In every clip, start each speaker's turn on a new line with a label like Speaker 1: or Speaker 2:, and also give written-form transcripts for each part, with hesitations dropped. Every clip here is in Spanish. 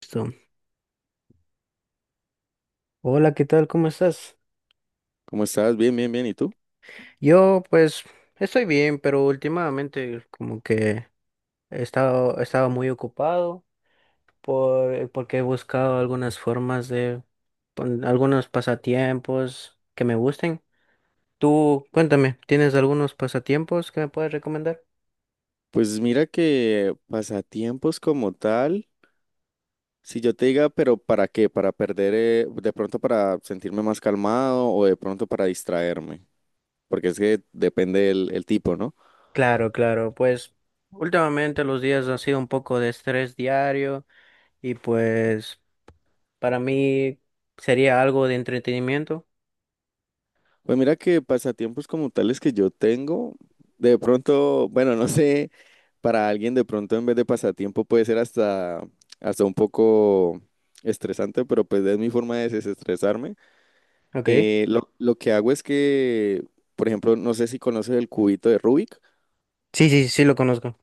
Speaker 1: Listo. Hola, ¿qué tal? ¿Cómo estás?
Speaker 2: ¿Cómo estás? Bien, bien, bien. ¿Y tú?
Speaker 1: Yo, pues, estoy bien, pero últimamente como que estaba muy ocupado porque he buscado algunas formas algunos pasatiempos que me gusten. Tú, cuéntame, ¿tienes algunos pasatiempos que me puedes recomendar?
Speaker 2: Pues mira que pasatiempos como tal, si yo te diga, pero ¿para qué? Para perder, de pronto para sentirme más calmado o de pronto para distraerme, porque es que depende el tipo, ¿no?
Speaker 1: Claro, claro, pues últimamente los días han sido un poco de estrés diario y pues para mí sería algo de entretenimiento.
Speaker 2: Pues mira que pasatiempos como tales que yo tengo, de pronto, bueno, no sé, para alguien de pronto en vez de pasatiempo puede ser hasta, hasta un poco estresante, pero pues es mi forma de desestresarme.
Speaker 1: Ok.
Speaker 2: Lo que hago es que, por ejemplo, no sé si conoces el cubito de Rubik.
Speaker 1: Sí, sí, sí lo conozco.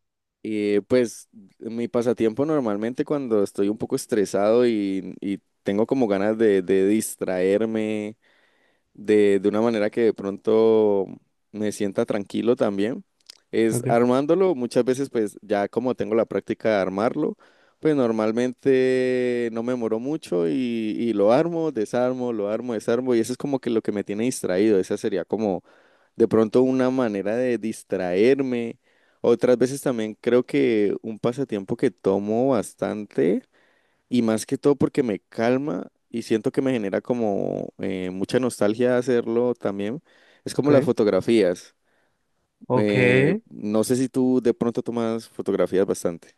Speaker 2: Pues mi pasatiempo normalmente cuando estoy un poco estresado y tengo como ganas de distraerme de una manera que de pronto me sienta tranquilo también, es
Speaker 1: Ok.
Speaker 2: armándolo. Muchas veces pues ya como tengo la práctica de armarlo, pues normalmente no me demoro mucho y lo armo, desarmo y eso es como que lo que me tiene distraído. Esa sería como de pronto una manera de distraerme. Otras veces también creo que un pasatiempo que tomo bastante y más que todo porque me calma y siento que me genera como mucha nostalgia hacerlo también. Es como las
Speaker 1: Okay.
Speaker 2: fotografías.
Speaker 1: Okay.
Speaker 2: No sé si tú de pronto tomas fotografías bastante.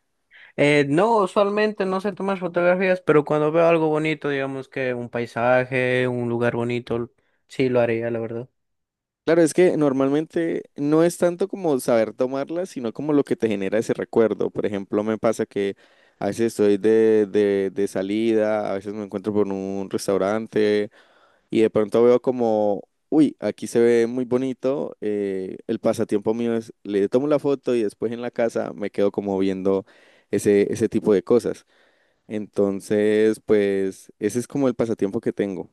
Speaker 1: No, usualmente no sé tomar fotografías, pero cuando veo algo bonito, digamos que un paisaje, un lugar bonito, sí lo haría, la verdad.
Speaker 2: Claro, es que normalmente no es tanto como saber tomarla, sino como lo que te genera ese recuerdo. Por ejemplo, me pasa que a veces estoy de salida, a veces me encuentro por un restaurante y de pronto veo como, uy, aquí se ve muy bonito, el pasatiempo mío es, le tomo la foto y después en la casa me quedo como viendo ese tipo de cosas. Entonces, pues ese es como el pasatiempo que tengo.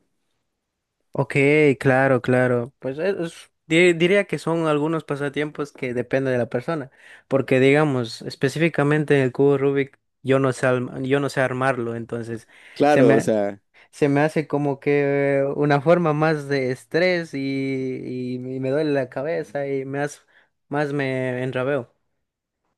Speaker 1: Ok, claro, claro. Pues diría que son algunos pasatiempos que depende de la persona, porque digamos, específicamente en el cubo Rubik, yo no sé armarlo, entonces se
Speaker 2: Claro, o
Speaker 1: me,
Speaker 2: sea...
Speaker 1: Se me hace como que una forma más de estrés y, y me duele la cabeza y me hace, más me enrabeo.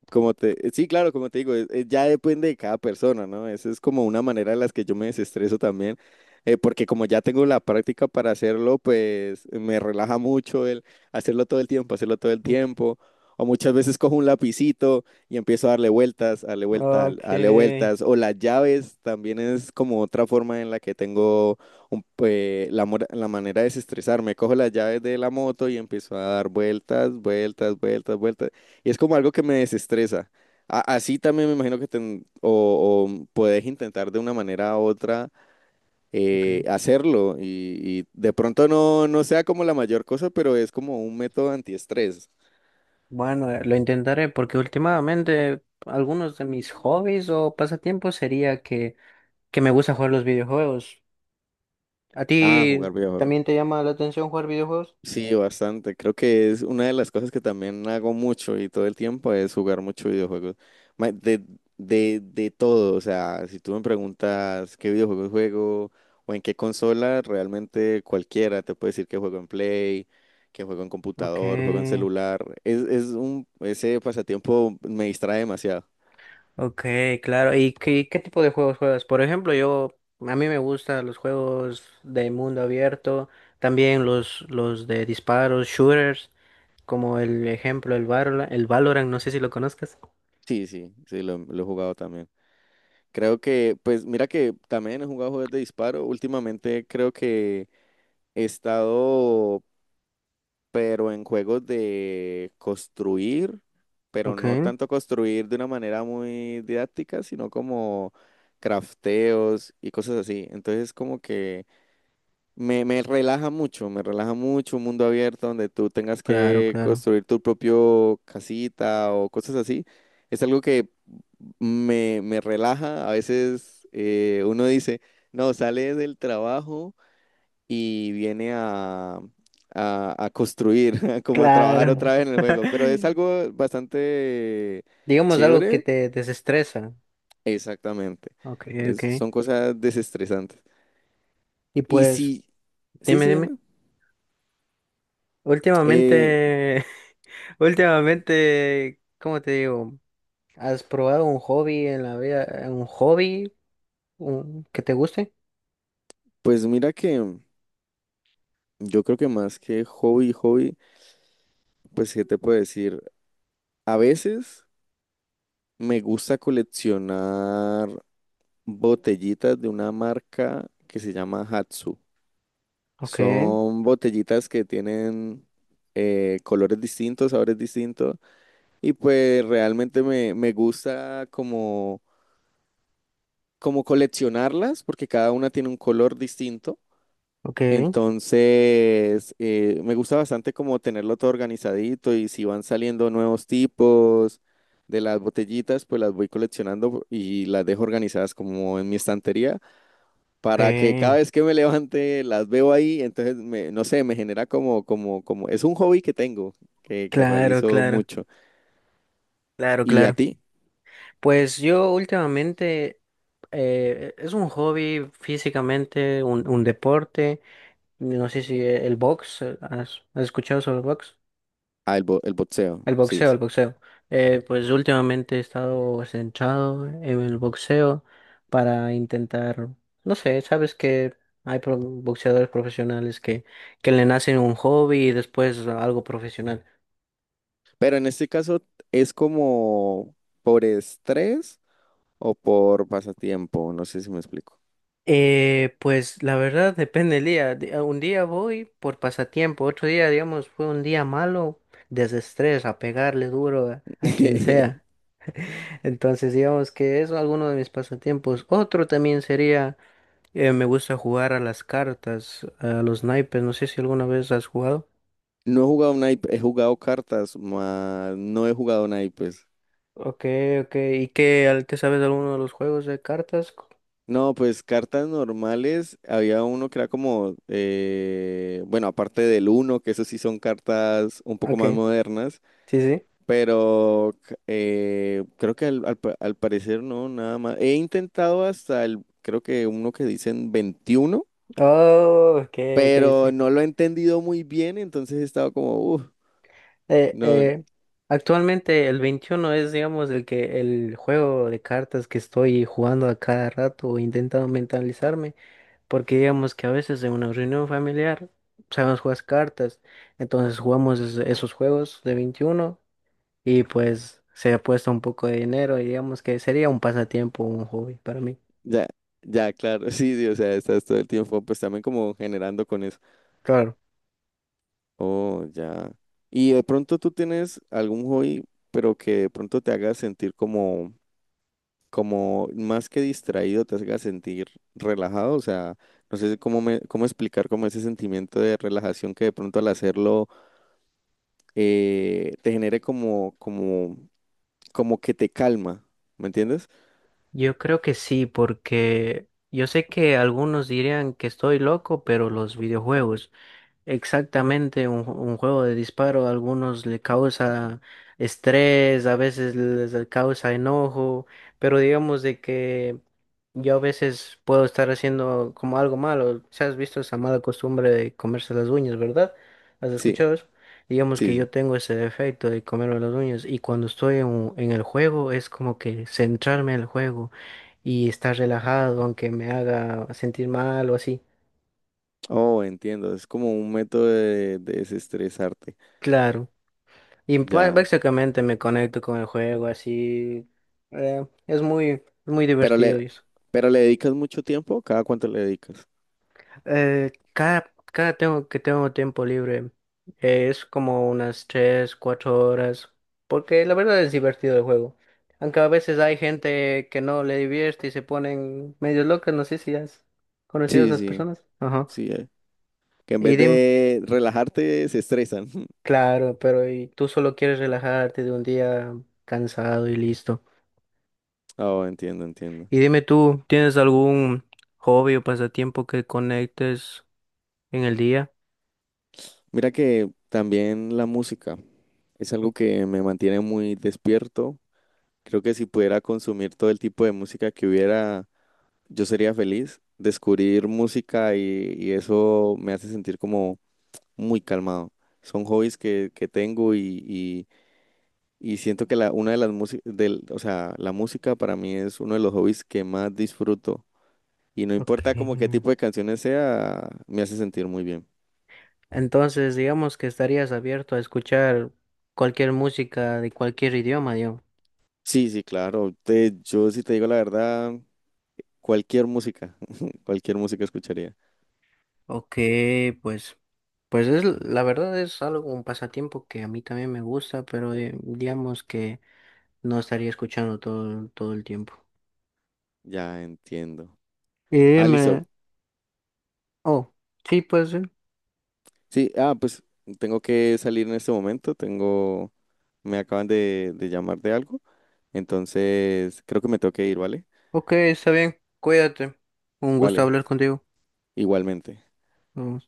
Speaker 2: Como te, sí, claro, como te digo, ya depende de cada persona, ¿no? Esa es como una manera en las que yo me desestreso también, porque como ya tengo la práctica para hacerlo, pues me relaja mucho el hacerlo todo el tiempo, hacerlo todo el
Speaker 1: Ok,
Speaker 2: tiempo. O muchas veces cojo un lapicito y empiezo a darle vueltas, darle vueltas, darle
Speaker 1: ok,
Speaker 2: vueltas. O las llaves también es como otra forma en la que tengo la manera de desestresarme. Cojo las llaves de la moto y empiezo a dar vueltas, vueltas, vueltas, vueltas. Y es como algo que me desestresa. Así también me imagino que o puedes intentar de una manera u otra
Speaker 1: ok.
Speaker 2: hacerlo y de pronto no, no sea como la mayor cosa, pero es como un método antiestrés.
Speaker 1: Bueno, lo intentaré porque últimamente algunos de mis hobbies o pasatiempos sería que me gusta jugar los videojuegos. ¿A
Speaker 2: Ah,
Speaker 1: ti
Speaker 2: jugar videojuegos.
Speaker 1: también te llama la atención jugar videojuegos?
Speaker 2: Sí, bastante. Creo que es una de las cosas que también hago mucho y todo el tiempo es jugar mucho videojuegos. Ma- De, de todo, o sea, si tú me preguntas qué videojuegos juego o en qué consola, realmente cualquiera te puede decir que juego en Play, que juego en computador, juego en
Speaker 1: Ok.
Speaker 2: celular. Ese pasatiempo me distrae demasiado.
Speaker 1: Ok, claro. ¿Y qué tipo de juegos juegas? Por ejemplo, yo, a mí me gustan los juegos de mundo abierto, también los de disparos, shooters, como el ejemplo, el Valorant, no sé si lo conozcas.
Speaker 2: Sí, sí, sí, lo he jugado también. Creo que, pues mira que también he jugado juegos de disparo. Últimamente creo que he estado pero en juegos de construir, pero
Speaker 1: Ok,
Speaker 2: no tanto construir de una manera muy didáctica, sino como crafteos y cosas así. Entonces como que me relaja mucho un mundo abierto donde tú tengas
Speaker 1: claro,
Speaker 2: que
Speaker 1: claro.
Speaker 2: construir tu propio casita o cosas así. Es algo que me relaja. A veces uno dice, no, sale del trabajo y viene a construir, como a trabajar otra
Speaker 1: Claro.
Speaker 2: vez en el juego. Pero es algo bastante
Speaker 1: Digamos algo que
Speaker 2: chévere,
Speaker 1: te desestresa.
Speaker 2: exactamente.
Speaker 1: Ok, ok.
Speaker 2: Son cosas desestresantes.
Speaker 1: Y
Speaker 2: Y
Speaker 1: pues,
Speaker 2: sí, sí,
Speaker 1: dime,
Speaker 2: sí,
Speaker 1: dime.
Speaker 2: dime. Eh,
Speaker 1: Últimamente, últimamente, ¿cómo te digo? ¿Has probado un hobby en la vida, un hobby? Que te guste.
Speaker 2: pues mira que yo creo que más que hobby, hobby, pues ¿qué te puedo decir? A veces me gusta coleccionar botellitas de una marca que se llama Hatsu.
Speaker 1: Ok,
Speaker 2: Son botellitas que tienen colores distintos, sabores distintos. Y pues realmente me gusta como, como coleccionarlas porque cada una tiene un color distinto.
Speaker 1: ok,
Speaker 2: Entonces, me gusta bastante como tenerlo todo organizadito y si van saliendo nuevos tipos de las botellitas, pues las voy coleccionando y las dejo organizadas como en mi estantería
Speaker 1: ok.
Speaker 2: para que cada vez que me levante las veo ahí, entonces me, no sé, me genera como, como, como, es un hobby que tengo, que
Speaker 1: Claro,
Speaker 2: realizo
Speaker 1: claro,
Speaker 2: mucho.
Speaker 1: claro,
Speaker 2: ¿Y a
Speaker 1: claro.
Speaker 2: ti?
Speaker 1: Pues yo últimamente es un hobby físicamente, un deporte. No sé si el box, ¿has escuchado sobre el box?
Speaker 2: Ah, el boxeo,
Speaker 1: El
Speaker 2: sí,
Speaker 1: boxeo,
Speaker 2: sí.
Speaker 1: el boxeo. Pues últimamente he estado centrado en el boxeo para intentar, no sé, sabes que hay boxeadores profesionales que le nacen un hobby y después algo profesional.
Speaker 2: Pero en este caso es como por estrés o por pasatiempo, no sé si me explico.
Speaker 1: Pues la verdad depende del día. Un día voy por pasatiempo, otro día, digamos, fue un día malo, desestrés, a pegarle duro a quien sea. Entonces, digamos que es alguno de mis pasatiempos. Otro también sería, me gusta jugar a las cartas, a los naipes. No sé si alguna vez has jugado.
Speaker 2: No he jugado naipes, he jugado cartas, más no he jugado naipes.
Speaker 1: Ok, ok. ¿Y qué sabes de alguno de los juegos de cartas?
Speaker 2: No, pues cartas normales, había uno que era como, bueno, aparte del uno, que eso sí son cartas un poco más
Speaker 1: Ok,
Speaker 2: modernas,
Speaker 1: sí, sí.
Speaker 2: pero creo que al parecer no, nada más. He intentado hasta el, creo que uno que dicen 21
Speaker 1: Oh, ok, ok,
Speaker 2: pero
Speaker 1: sí.
Speaker 2: no lo he entendido muy bien, entonces he estado como, uff,
Speaker 1: Eh,
Speaker 2: no,
Speaker 1: eh, Actualmente el 21 es, digamos, el juego de cartas que estoy jugando a cada rato o intentando mentalizarme, porque digamos que a veces en una reunión familiar sabemos jugar cartas, entonces jugamos esos juegos de 21 y pues se apuesta un poco de dinero y digamos que sería un pasatiempo, un hobby para mí.
Speaker 2: ya, ya, claro, sí, sí, o sea, estás todo el tiempo pues también como generando con eso.
Speaker 1: Claro,
Speaker 2: Oh, ya. Y de pronto tú tienes algún hobby, pero que de pronto te haga sentir como, como más que distraído, te haga sentir relajado. O sea, no sé cómo me, cómo explicar como ese sentimiento de relajación que de pronto al hacerlo te genere como, como, como que te calma. ¿Me entiendes?
Speaker 1: yo creo que sí, porque yo sé que algunos dirían que estoy loco, pero los videojuegos. Exactamente, un juego de disparo a algunos le causa estrés, a veces les causa enojo, pero digamos de que yo a veces puedo estar haciendo como algo malo. Si has visto esa mala costumbre de comerse las uñas, ¿verdad? ¿Has
Speaker 2: Sí,
Speaker 1: escuchado eso? Digamos
Speaker 2: sí,
Speaker 1: que yo
Speaker 2: sí.
Speaker 1: tengo ese defecto de comerme las uñas y cuando estoy en el juego es como que centrarme en el juego y estar relajado aunque me haga sentir mal o así.
Speaker 2: Oh, entiendo. Es como un método de desestresarte.
Speaker 1: Claro. Y
Speaker 2: Ya.
Speaker 1: básicamente me conecto con el juego, así es muy, muy
Speaker 2: Pero le,
Speaker 1: divertido eso.
Speaker 2: pero le dedicas mucho tiempo, ¿cada cuánto le dedicas?
Speaker 1: Cada tengo que tengo tiempo libre es como unas 3 4 horas, porque la verdad es divertido el juego. Aunque a veces hay gente que no le divierte y se ponen medio locas, no sé si has conocido a
Speaker 2: Sí,
Speaker 1: esas
Speaker 2: sí.
Speaker 1: personas. Ajá.
Speaker 2: Sí, que en
Speaker 1: Y
Speaker 2: vez
Speaker 1: dime,
Speaker 2: de relajarte, se estresan.
Speaker 1: claro, pero y tú solo quieres relajarte de un día cansado y listo.
Speaker 2: Oh, entiendo, entiendo.
Speaker 1: Y dime tú, ¿tienes algún hobby o pasatiempo que conectes en el día?
Speaker 2: Mira que también la música es algo
Speaker 1: Ok.
Speaker 2: que me mantiene muy despierto. Creo que si pudiera consumir todo el tipo de música que hubiera, yo sería feliz. Descubrir música y eso me hace sentir como muy calmado. Son hobbies que tengo y siento que la, una de las músicas, o sea, la música para mí es uno de los hobbies que más disfruto. Y no importa como qué tipo de canciones sea, me hace sentir muy bien.
Speaker 1: Entonces, digamos que estarías abierto a escuchar cualquier música de cualquier idioma, digamos.
Speaker 2: Sí, sí, claro. Te, yo si te digo la verdad, cualquier música, cualquier música escucharía.
Speaker 1: Ok, pues, pues es, la verdad es algo, un pasatiempo que a mí también me gusta, pero digamos que no estaría escuchando todo, todo el tiempo.
Speaker 2: Ya entiendo.
Speaker 1: Y
Speaker 2: Ah,
Speaker 1: dime,
Speaker 2: listo.
Speaker 1: oh, sí, pues, sí.
Speaker 2: Sí, ah, pues tengo que salir en este momento. Tengo, me acaban de llamar de algo. Entonces, creo que me tengo que ir, ¿vale?
Speaker 1: Ok, está bien, cuídate. Un gusto
Speaker 2: Vale,
Speaker 1: hablar contigo.
Speaker 2: igualmente.
Speaker 1: Mm.